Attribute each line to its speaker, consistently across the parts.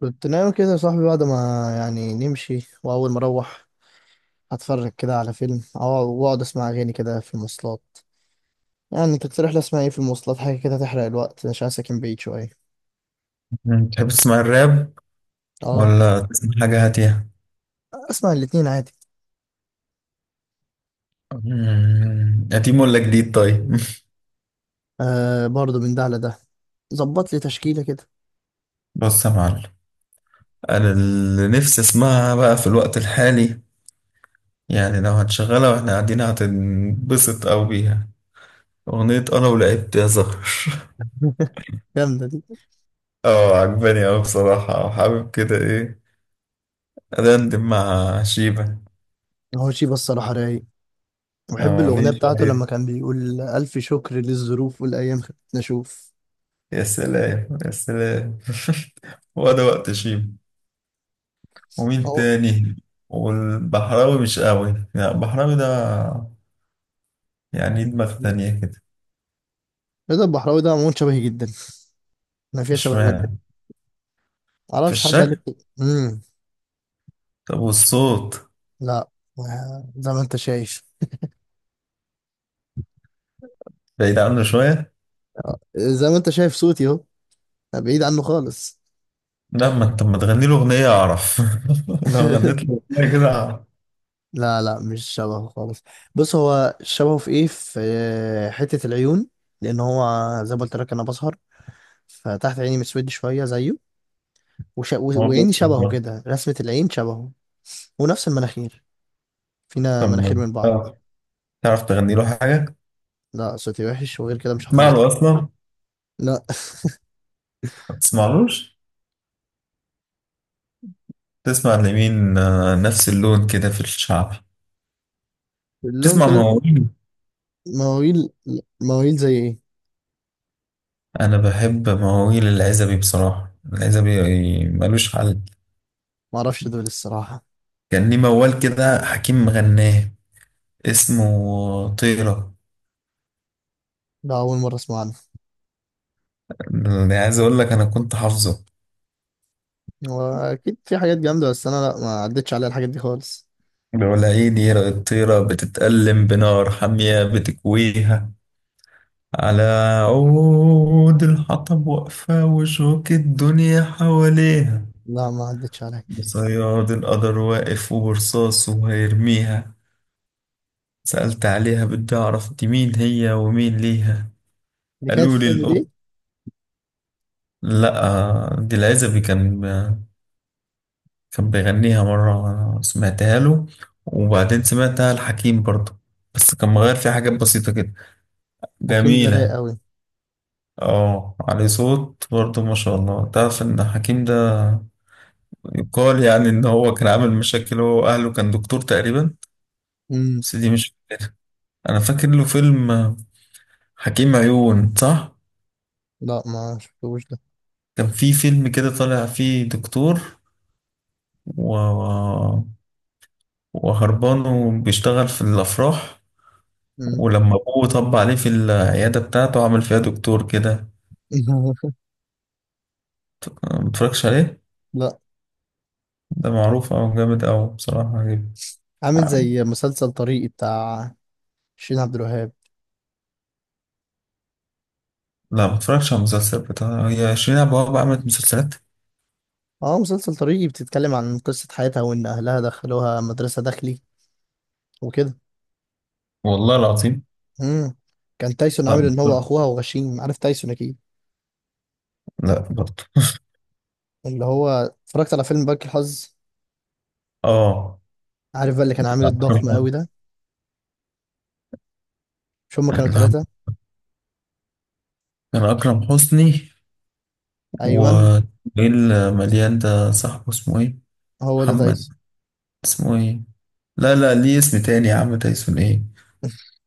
Speaker 1: كنت نايم كده يا صاحبي بعد ما يعني نمشي، وأول ما أروح هتفرج كده على فيلم، أو وأقعد أسمع أغاني كده في المواصلات. يعني تقترح لي أسمع إيه في المواصلات؟ حاجة كده تحرق الوقت عشان أنا ساكن بعيد شوية.
Speaker 2: تحب تسمع الراب
Speaker 1: أه.
Speaker 2: ولا تسمع حاجة هاتية؟
Speaker 1: أسمع الاتنين عادي.
Speaker 2: قديم ولا جديد طيب؟
Speaker 1: أه، برضه من ده على ده. ظبط لي تشكيلة كده.
Speaker 2: بص يا معلم. أنا اللي نفسي أسمعها بقى في الوقت الحالي، يعني لو هتشغلها وإحنا قاعدين هتنبسط أوي بيها: أغنية أنا ولعبت يا زهر.
Speaker 1: جامدة دي.
Speaker 2: اه، عجباني أوي بصراحة، وحابب كده إيه، أدندن مع شيبة.
Speaker 1: هو شيبة الصراحة رايق. بحب
Speaker 2: اه، ليه
Speaker 1: الأغنية بتاعته
Speaker 2: شوية.
Speaker 1: لما كان بيقول: ألف شكر للظروف والأيام خلتنا أشوف.
Speaker 2: يا سلام يا سلام. هو ده وقت شيبة؟ ومين
Speaker 1: هو
Speaker 2: تاني؟ والبحراوي مش قوي، لا البحراوي ده يعني دماغ تانية كده.
Speaker 1: رضا البحراوي ده عموما شبهي جدا، ما فيها شبه بينا.
Speaker 2: اشمعنى؟ في
Speaker 1: معرفش، حد قال لي
Speaker 2: الشكل؟
Speaker 1: كده.
Speaker 2: طب والصوت؟
Speaker 1: لا. آه، زي ما انت شايف
Speaker 2: بعيد عنه شوية.
Speaker 1: زي ما انت شايف صوتي اهو، بعيد عنه خالص.
Speaker 2: لا، ما انت ما تغني له أغنية أعرف. لو غنيت له أغنية كده أعرف.
Speaker 1: لا، لا، مش شبهه خالص. بص، هو شبهه في ايه؟ في حتة العيون. لان هو، زي ما قلت لك، انا بسهر، فتحت عيني مسود شوية زيه.
Speaker 2: هو
Speaker 1: وعيني
Speaker 2: بيوصل
Speaker 1: شبهه
Speaker 2: بقى.
Speaker 1: كده، رسمة العين شبهه. ونفس المناخير، فينا
Speaker 2: طب
Speaker 1: مناخير من بعض.
Speaker 2: تعرف تغني له حاجة؟
Speaker 1: لا، صوتي وحش، وغير كده مش
Speaker 2: تسمع
Speaker 1: حافظ لي.
Speaker 2: له أصلا؟
Speaker 1: لا.
Speaker 2: ما تسمعلوش. تسمع لمين؟ نفس اللون كده في الشعب.
Speaker 1: اللون
Speaker 2: تسمع
Speaker 1: كده.
Speaker 2: مواويل؟
Speaker 1: مواويل. مواويل زي ايه؟
Speaker 2: أنا بحب مواويل العزبي، بصراحة العزبي ملوش حل.
Speaker 1: معرفش دول الصراحة.
Speaker 2: كان ليه موال كده حكيم مغناه، اسمه طيرة.
Speaker 1: ده أول مرة أسمع عنهم.
Speaker 2: يعني عايز اقول لك انا كنت حافظه.
Speaker 1: هو اكيد في حاجات جامده، بس انا لا، ما عدتش عليها الحاجات دي خالص.
Speaker 2: بيقول: عيد يرى الطيرة بتتألم بنار حامية بتكويها، على عود الحطب واقفة وشوك الدنيا حواليها،
Speaker 1: لا، ما عدتش عليها.
Speaker 2: بصياد القدر واقف وبرصاصه هيرميها، سألت عليها بدي أعرف دي مين هي ومين ليها،
Speaker 1: اللي كانت في
Speaker 2: قالوا لي
Speaker 1: الفيلم
Speaker 2: الأم.
Speaker 1: دي.
Speaker 2: لأ، دي العزبي كان بيغنيها مرة وأنا سمعتها له، وبعدين سمعتها لحكيم برضه، بس كان مغير فيها حاجات بسيطة كده.
Speaker 1: حكيم ده رايق
Speaker 2: جميلة.
Speaker 1: قوي.
Speaker 2: اه، عليه صوت برضه ما شاء الله. تعرف إن حكيم ده يقال يعني إن هو كان عامل مشاكل هو وأهله، كان دكتور تقريبا.
Speaker 1: امم.
Speaker 2: بس دي مش... أنا فاكر له فيلم، حكيم عيون، صح؟
Speaker 1: لا، ما شفتوش ده.
Speaker 2: كان في فيلم كده طالع فيه دكتور و... وهربان وبيشتغل في الأفراح،
Speaker 1: امم.
Speaker 2: ولما ابوه طب عليه في العيادة بتاعته عمل فيها دكتور كده. متفرجش عليه؟
Speaker 1: لا.
Speaker 2: ده معروف أو جامد أوي بصراحة، عجيب.
Speaker 1: عامل زي مسلسل طريقي بتاع شيرين عبد الوهاب.
Speaker 2: لا، متفرجش على المسلسل بتاع هي، 20 أبواب عملت مسلسلات.
Speaker 1: اه، مسلسل طريقي بتتكلم عن قصه حياتها، وان اهلها دخلوها مدرسه داخلي وكده.
Speaker 2: والله العظيم.
Speaker 1: امم. كان تايسون
Speaker 2: لا
Speaker 1: عامل ان هو
Speaker 2: متفرج-
Speaker 1: اخوها وغشيم، عارف تايسون اكيد.
Speaker 2: لا برضه.
Speaker 1: اللي هو اتفرجت على فيلم بنك الحظ.
Speaker 2: اه،
Speaker 1: عارف بقى اللي كان عامل الضخم قوي
Speaker 2: أكرم.
Speaker 1: ده؟ مش هما كانوا
Speaker 2: لا،
Speaker 1: ثلاثه؟
Speaker 2: كان أكرم حسني، و...
Speaker 1: ايوه،
Speaker 2: إيه المليان ده صاحبه اسمه إيه؟
Speaker 1: هو ده
Speaker 2: محمد...
Speaker 1: تايسون.
Speaker 2: اسمه إيه؟ لا لا، ليه اسم تاني يا عم، تايسون إيه؟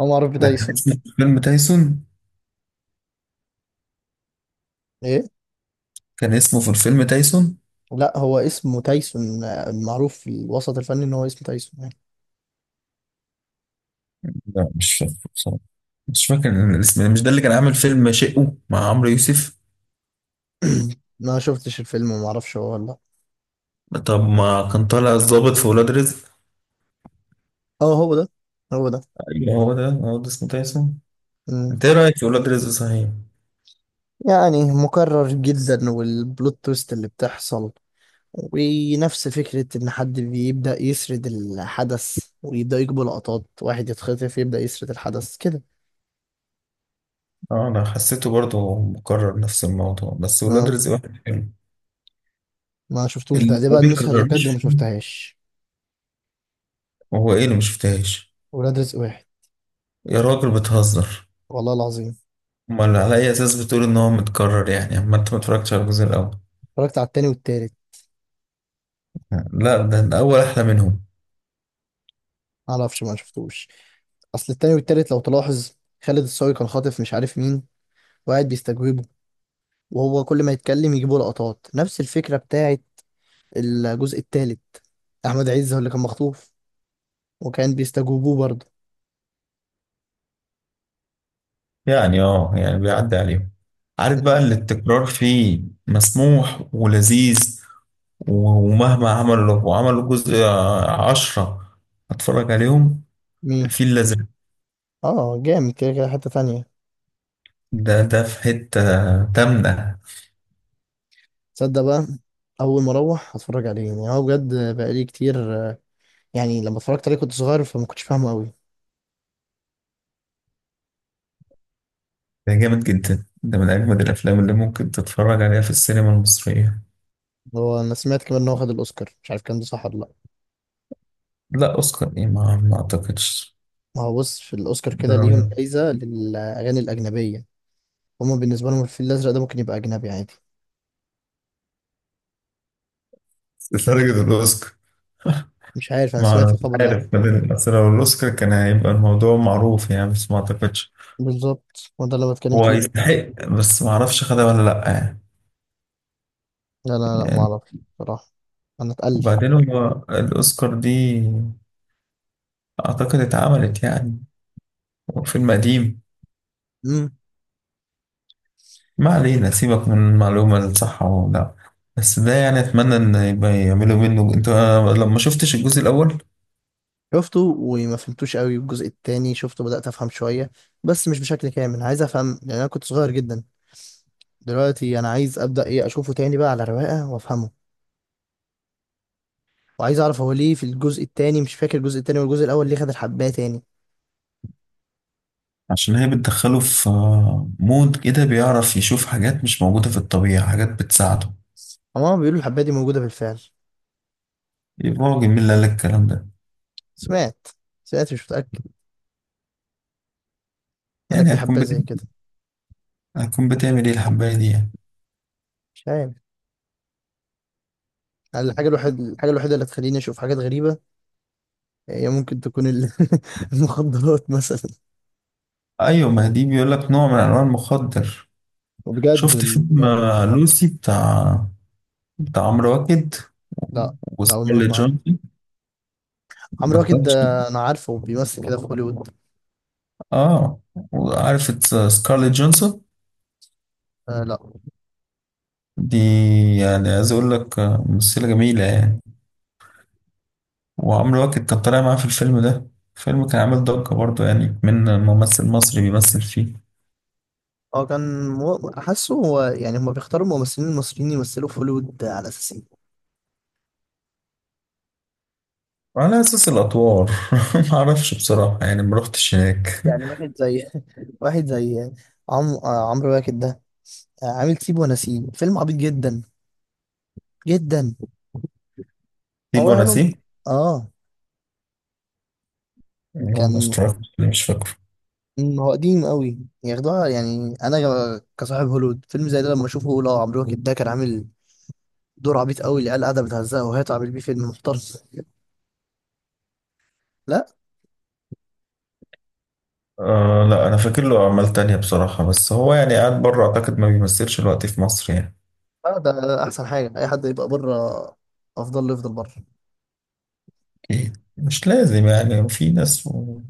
Speaker 1: هو معروف
Speaker 2: ده كان
Speaker 1: بتايسون.
Speaker 2: اسمه في الفيلم تايسون.
Speaker 1: ايه.
Speaker 2: كان اسمه في الفيلم تايسون.
Speaker 1: لا، هو اسمه تايسون. معروف في الوسط الفني ان هو اسمه تايسون يعني.
Speaker 2: لا، مش فاكر. مش فاكر الاسم. مش ده اللي كان عامل فيلم شقه مع عمرو يوسف؟
Speaker 1: ما شفتش الفيلم وما اعرفش هو ولا.
Speaker 2: طب ما كان طالع الضابط في ولاد رزق.
Speaker 1: اه، هو ده، هو ده.
Speaker 2: ايوه هو ده، هو ده اسمه تايسون.
Speaker 1: مم.
Speaker 2: انت ايه رايك في ولاد رزق صحيح؟
Speaker 1: يعني مكرر جدا، والبلوت تويست اللي بتحصل ونفس فكرة ان حد بيبدأ يسرد الحدث، ويبدأ يجيب لقطات، واحد يتخطف يبدأ يسرد الحدث كده.
Speaker 2: اه، انا حسيته برضه مكرر نفس الموضوع، بس ولاد
Speaker 1: اه.
Speaker 2: رزق واحد حلو،
Speaker 1: ما شفتوش ده،
Speaker 2: اللي
Speaker 1: دي
Speaker 2: ما
Speaker 1: بقى النسخة اللي
Speaker 2: بيكررش
Speaker 1: بجد ما
Speaker 2: فيه.
Speaker 1: شفتهاش.
Speaker 2: هو ايه اللي ما شفتهاش؟
Speaker 1: ولاد رزق واحد.
Speaker 2: يا راجل، بتهزر؟
Speaker 1: والله العظيم.
Speaker 2: امال على اي اساس بتقول ان هو متكرر يعني، اما انت ما اتفرجتش على الجزء الاول؟
Speaker 1: اتفرجت على التاني والتالت.
Speaker 2: لا، ده الاول احلى منهم.
Speaker 1: معرفش، ما شفتوش. اصل التاني والتالت لو تلاحظ، خالد الصاوي كان خاطف مش عارف مين، وقاعد بيستجوبه، وهو كل ما يتكلم يجيبوا لقطات نفس الفكرة بتاعت الجزء التالت. احمد عز هو اللي كان مخطوف، وكان بيستجوبوه برضه.
Speaker 2: يعني يعني بيعدي عليهم. عارف بقى
Speaker 1: مم.
Speaker 2: اللي التكرار فيه مسموح ولذيذ و- ومهما عملوا وعملوا جزء 10 هتفرج عليهم.
Speaker 1: مين؟
Speaker 2: الفيل الأزرق،
Speaker 1: اه، جامد كده كده، حتة تانية.
Speaker 2: ده في حتة تامنة.
Speaker 1: تصدق بقى؟ اول ما اروح هتفرج عليه، يعني هو بجد بقالي كتير. يعني لما اتفرجت عليه كنت صغير، فما كنتش فاهمه قوي.
Speaker 2: ده جامد جدا، ده من أجمد الأفلام اللي ممكن تتفرج عليها في السينما المصرية.
Speaker 1: هو انا سمعت كمان ان هو خد الاوسكار، مش عارف كان ده صح ولا لا.
Speaker 2: لا، أوسكار إيه، ما أعتقدش.
Speaker 1: ما هو بص، في الأوسكار كده ليهم جايزة للأغاني الأجنبية، هما بالنسبة لهم الفيل الأزرق ده ممكن يبقى أجنبي عادي.
Speaker 2: لدرجة الأوسكار؟
Speaker 1: مش عارف، أنا
Speaker 2: ما أنا
Speaker 1: سمعت
Speaker 2: مش
Speaker 1: الخبر ده.
Speaker 2: عارف، بدل الأسرة والأوسكار كان هيبقى الموضوع معروف يعني، بس ما أعتقدش.
Speaker 1: بالظبط، هو ده اللي بتكلم
Speaker 2: هو
Speaker 1: فيه.
Speaker 2: يستحق بس ما اعرفش خدها ولا لا يعني.
Speaker 1: لا، لا. لا
Speaker 2: يعني...
Speaker 1: معرفش، بصراحة. أنا اتقل.
Speaker 2: وبعدين هو الاوسكار دي اعتقد اتعملت يعني، فيلم قديم.
Speaker 1: امم.
Speaker 2: ما علينا، سيبك من المعلومه الصح او لا، بس ده يعني اتمنى ان يبقى يعملوا منه. انت لما شفتش الجزء الاول؟
Speaker 1: شفته وما فهمتوش قوي. الجزء التاني شفته، بدأت أفهم شوية، بس مش بشكل كامل. عايز أفهم لأن أنا كنت صغير جدا. دلوقتي أنا عايز أبدأ إيه، أشوفه تاني بقى على رواقة وأفهمه. وعايز أعرف هو ليه في الجزء التاني، مش فاكر، الجزء التاني والجزء الأول ليه خد الحباية تاني.
Speaker 2: عشان هي بتدخله في مود كده بيعرف يشوف حاجات مش موجوده في الطبيعه، حاجات بتساعده.
Speaker 1: هما بيقولوا الحباية دي موجودة بالفعل.
Speaker 2: يبقى راجل، مين اللي قال لك الكلام ده؟
Speaker 1: سمعت سمعت، مش متأكد. قال لك
Speaker 2: يعني
Speaker 1: في
Speaker 2: هتكون
Speaker 1: حبة
Speaker 2: بت...
Speaker 1: زي كده.
Speaker 2: هتكون بتعمل ايه الحبايه دي يعني؟
Speaker 1: مش عارف. قال الحاجة الوحيدة، اللي تخليني أشوف حاجات غريبة، هي ممكن تكون المخدرات مثلا.
Speaker 2: ايوه، ما دي بيقول لك نوع من انواع المخدر.
Speaker 1: وبجد
Speaker 2: شفت فيلم
Speaker 1: لا.
Speaker 2: لوسي، بتاع عمرو واكد
Speaker 1: لا، لا، أول مرة
Speaker 2: وسكارليت
Speaker 1: أسمع عنه.
Speaker 2: جونسون؟
Speaker 1: عمرو
Speaker 2: ما
Speaker 1: واكد
Speaker 2: كانتش...
Speaker 1: ده أنا عارفه بيمثل كده في هوليوود.
Speaker 2: اه، وعارف سكارليت جونسون
Speaker 1: آه لا.
Speaker 2: دي، يعني عايز اقول لك ممثلة جميلة يعني. وعمرو واكد كان طالع معاه في الفيلم ده، الفيلم كان عامل ضجة برضه يعني من ممثل مصري بيمثل فيه.
Speaker 1: هو كان حاسه، هو يعني هما بيختاروا الممثلين المصريين يمثلوا في هوليوود على أساس إيه؟
Speaker 2: وعلى اساس الادوار، ما اعرفش بصراحة يعني ما رحتش هناك.
Speaker 1: يعني واحد زي واحد زي عم... آه، عمرو واكد ده، عامل سيب ونسيب، فيلم عبيط جدا جدا.
Speaker 2: سيب
Speaker 1: هو قالوا،
Speaker 2: ونسيب؟
Speaker 1: اه،
Speaker 2: والله ما
Speaker 1: كان
Speaker 2: استوعبت، مش فاكر.
Speaker 1: هو قديم قوي، ياخدوها يعني. انا كصاحب هوليوود، فيلم زي ده لما اشوفه اقول: اه عمرو واكد ده كان عامل دور عبيط قوي، العيال قاعده بتهزقه، وهي عامل بيه فيلم محترم. لا.
Speaker 2: آه لا، انا فاكر له اعمال تانية بصراحة، بس هو يعني قاعد بره، اعتقد ما بيمثلش الوقت في مصر يعني.
Speaker 1: آه، ده احسن حاجه، اي حد يبقى بره، افضل له يفضل بره.
Speaker 2: اكيد مش لازم، يعني في ناس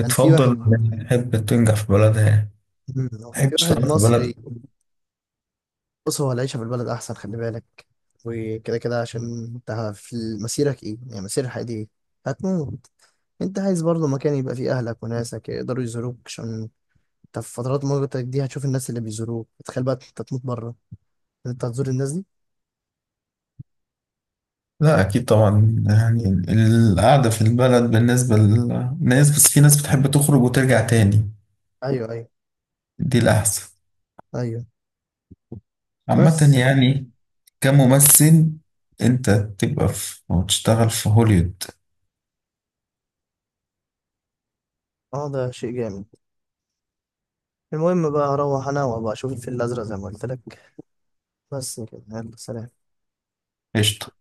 Speaker 1: كان في واحد
Speaker 2: إنها تحب تنجح في بلدها يعني،
Speaker 1: مم، كان
Speaker 2: تحب
Speaker 1: في واحد
Speaker 2: تشتغل في بلدها.
Speaker 1: مصري. بص هو العيشه في البلد احسن، خلي بالك. وكده كده، عشان انت في مسيرك ايه يعني؟ مسير الحياه دي ايه؟ هتموت. انت عايز برضه مكان يبقى فيه اهلك وناسك يقدروا يزوروك، عشان طب في فترات مغلقتك دي هتشوف الناس اللي بيزوروك، تخيل بقى انت تموت بره، ان انت هتزور الناس دي.
Speaker 2: لا، اكيد طبعا يعني، القعدة في البلد بالنسبة للناس، بس في ناس بتحب تخرج وترجع تاني،
Speaker 1: ايوه، ايوه.
Speaker 2: دي الاحسن
Speaker 1: ايوه.
Speaker 2: عامة
Speaker 1: بس.
Speaker 2: يعني. كممثل انت تبقى في وتشتغل في هوليوود.
Speaker 1: اه، ده شيء جامد. المهم بقى اروح انا وابقى اشوف الفيل الازرق زي ما قلت لك. بس كده، يلا سلام.
Speaker 2: قشطة.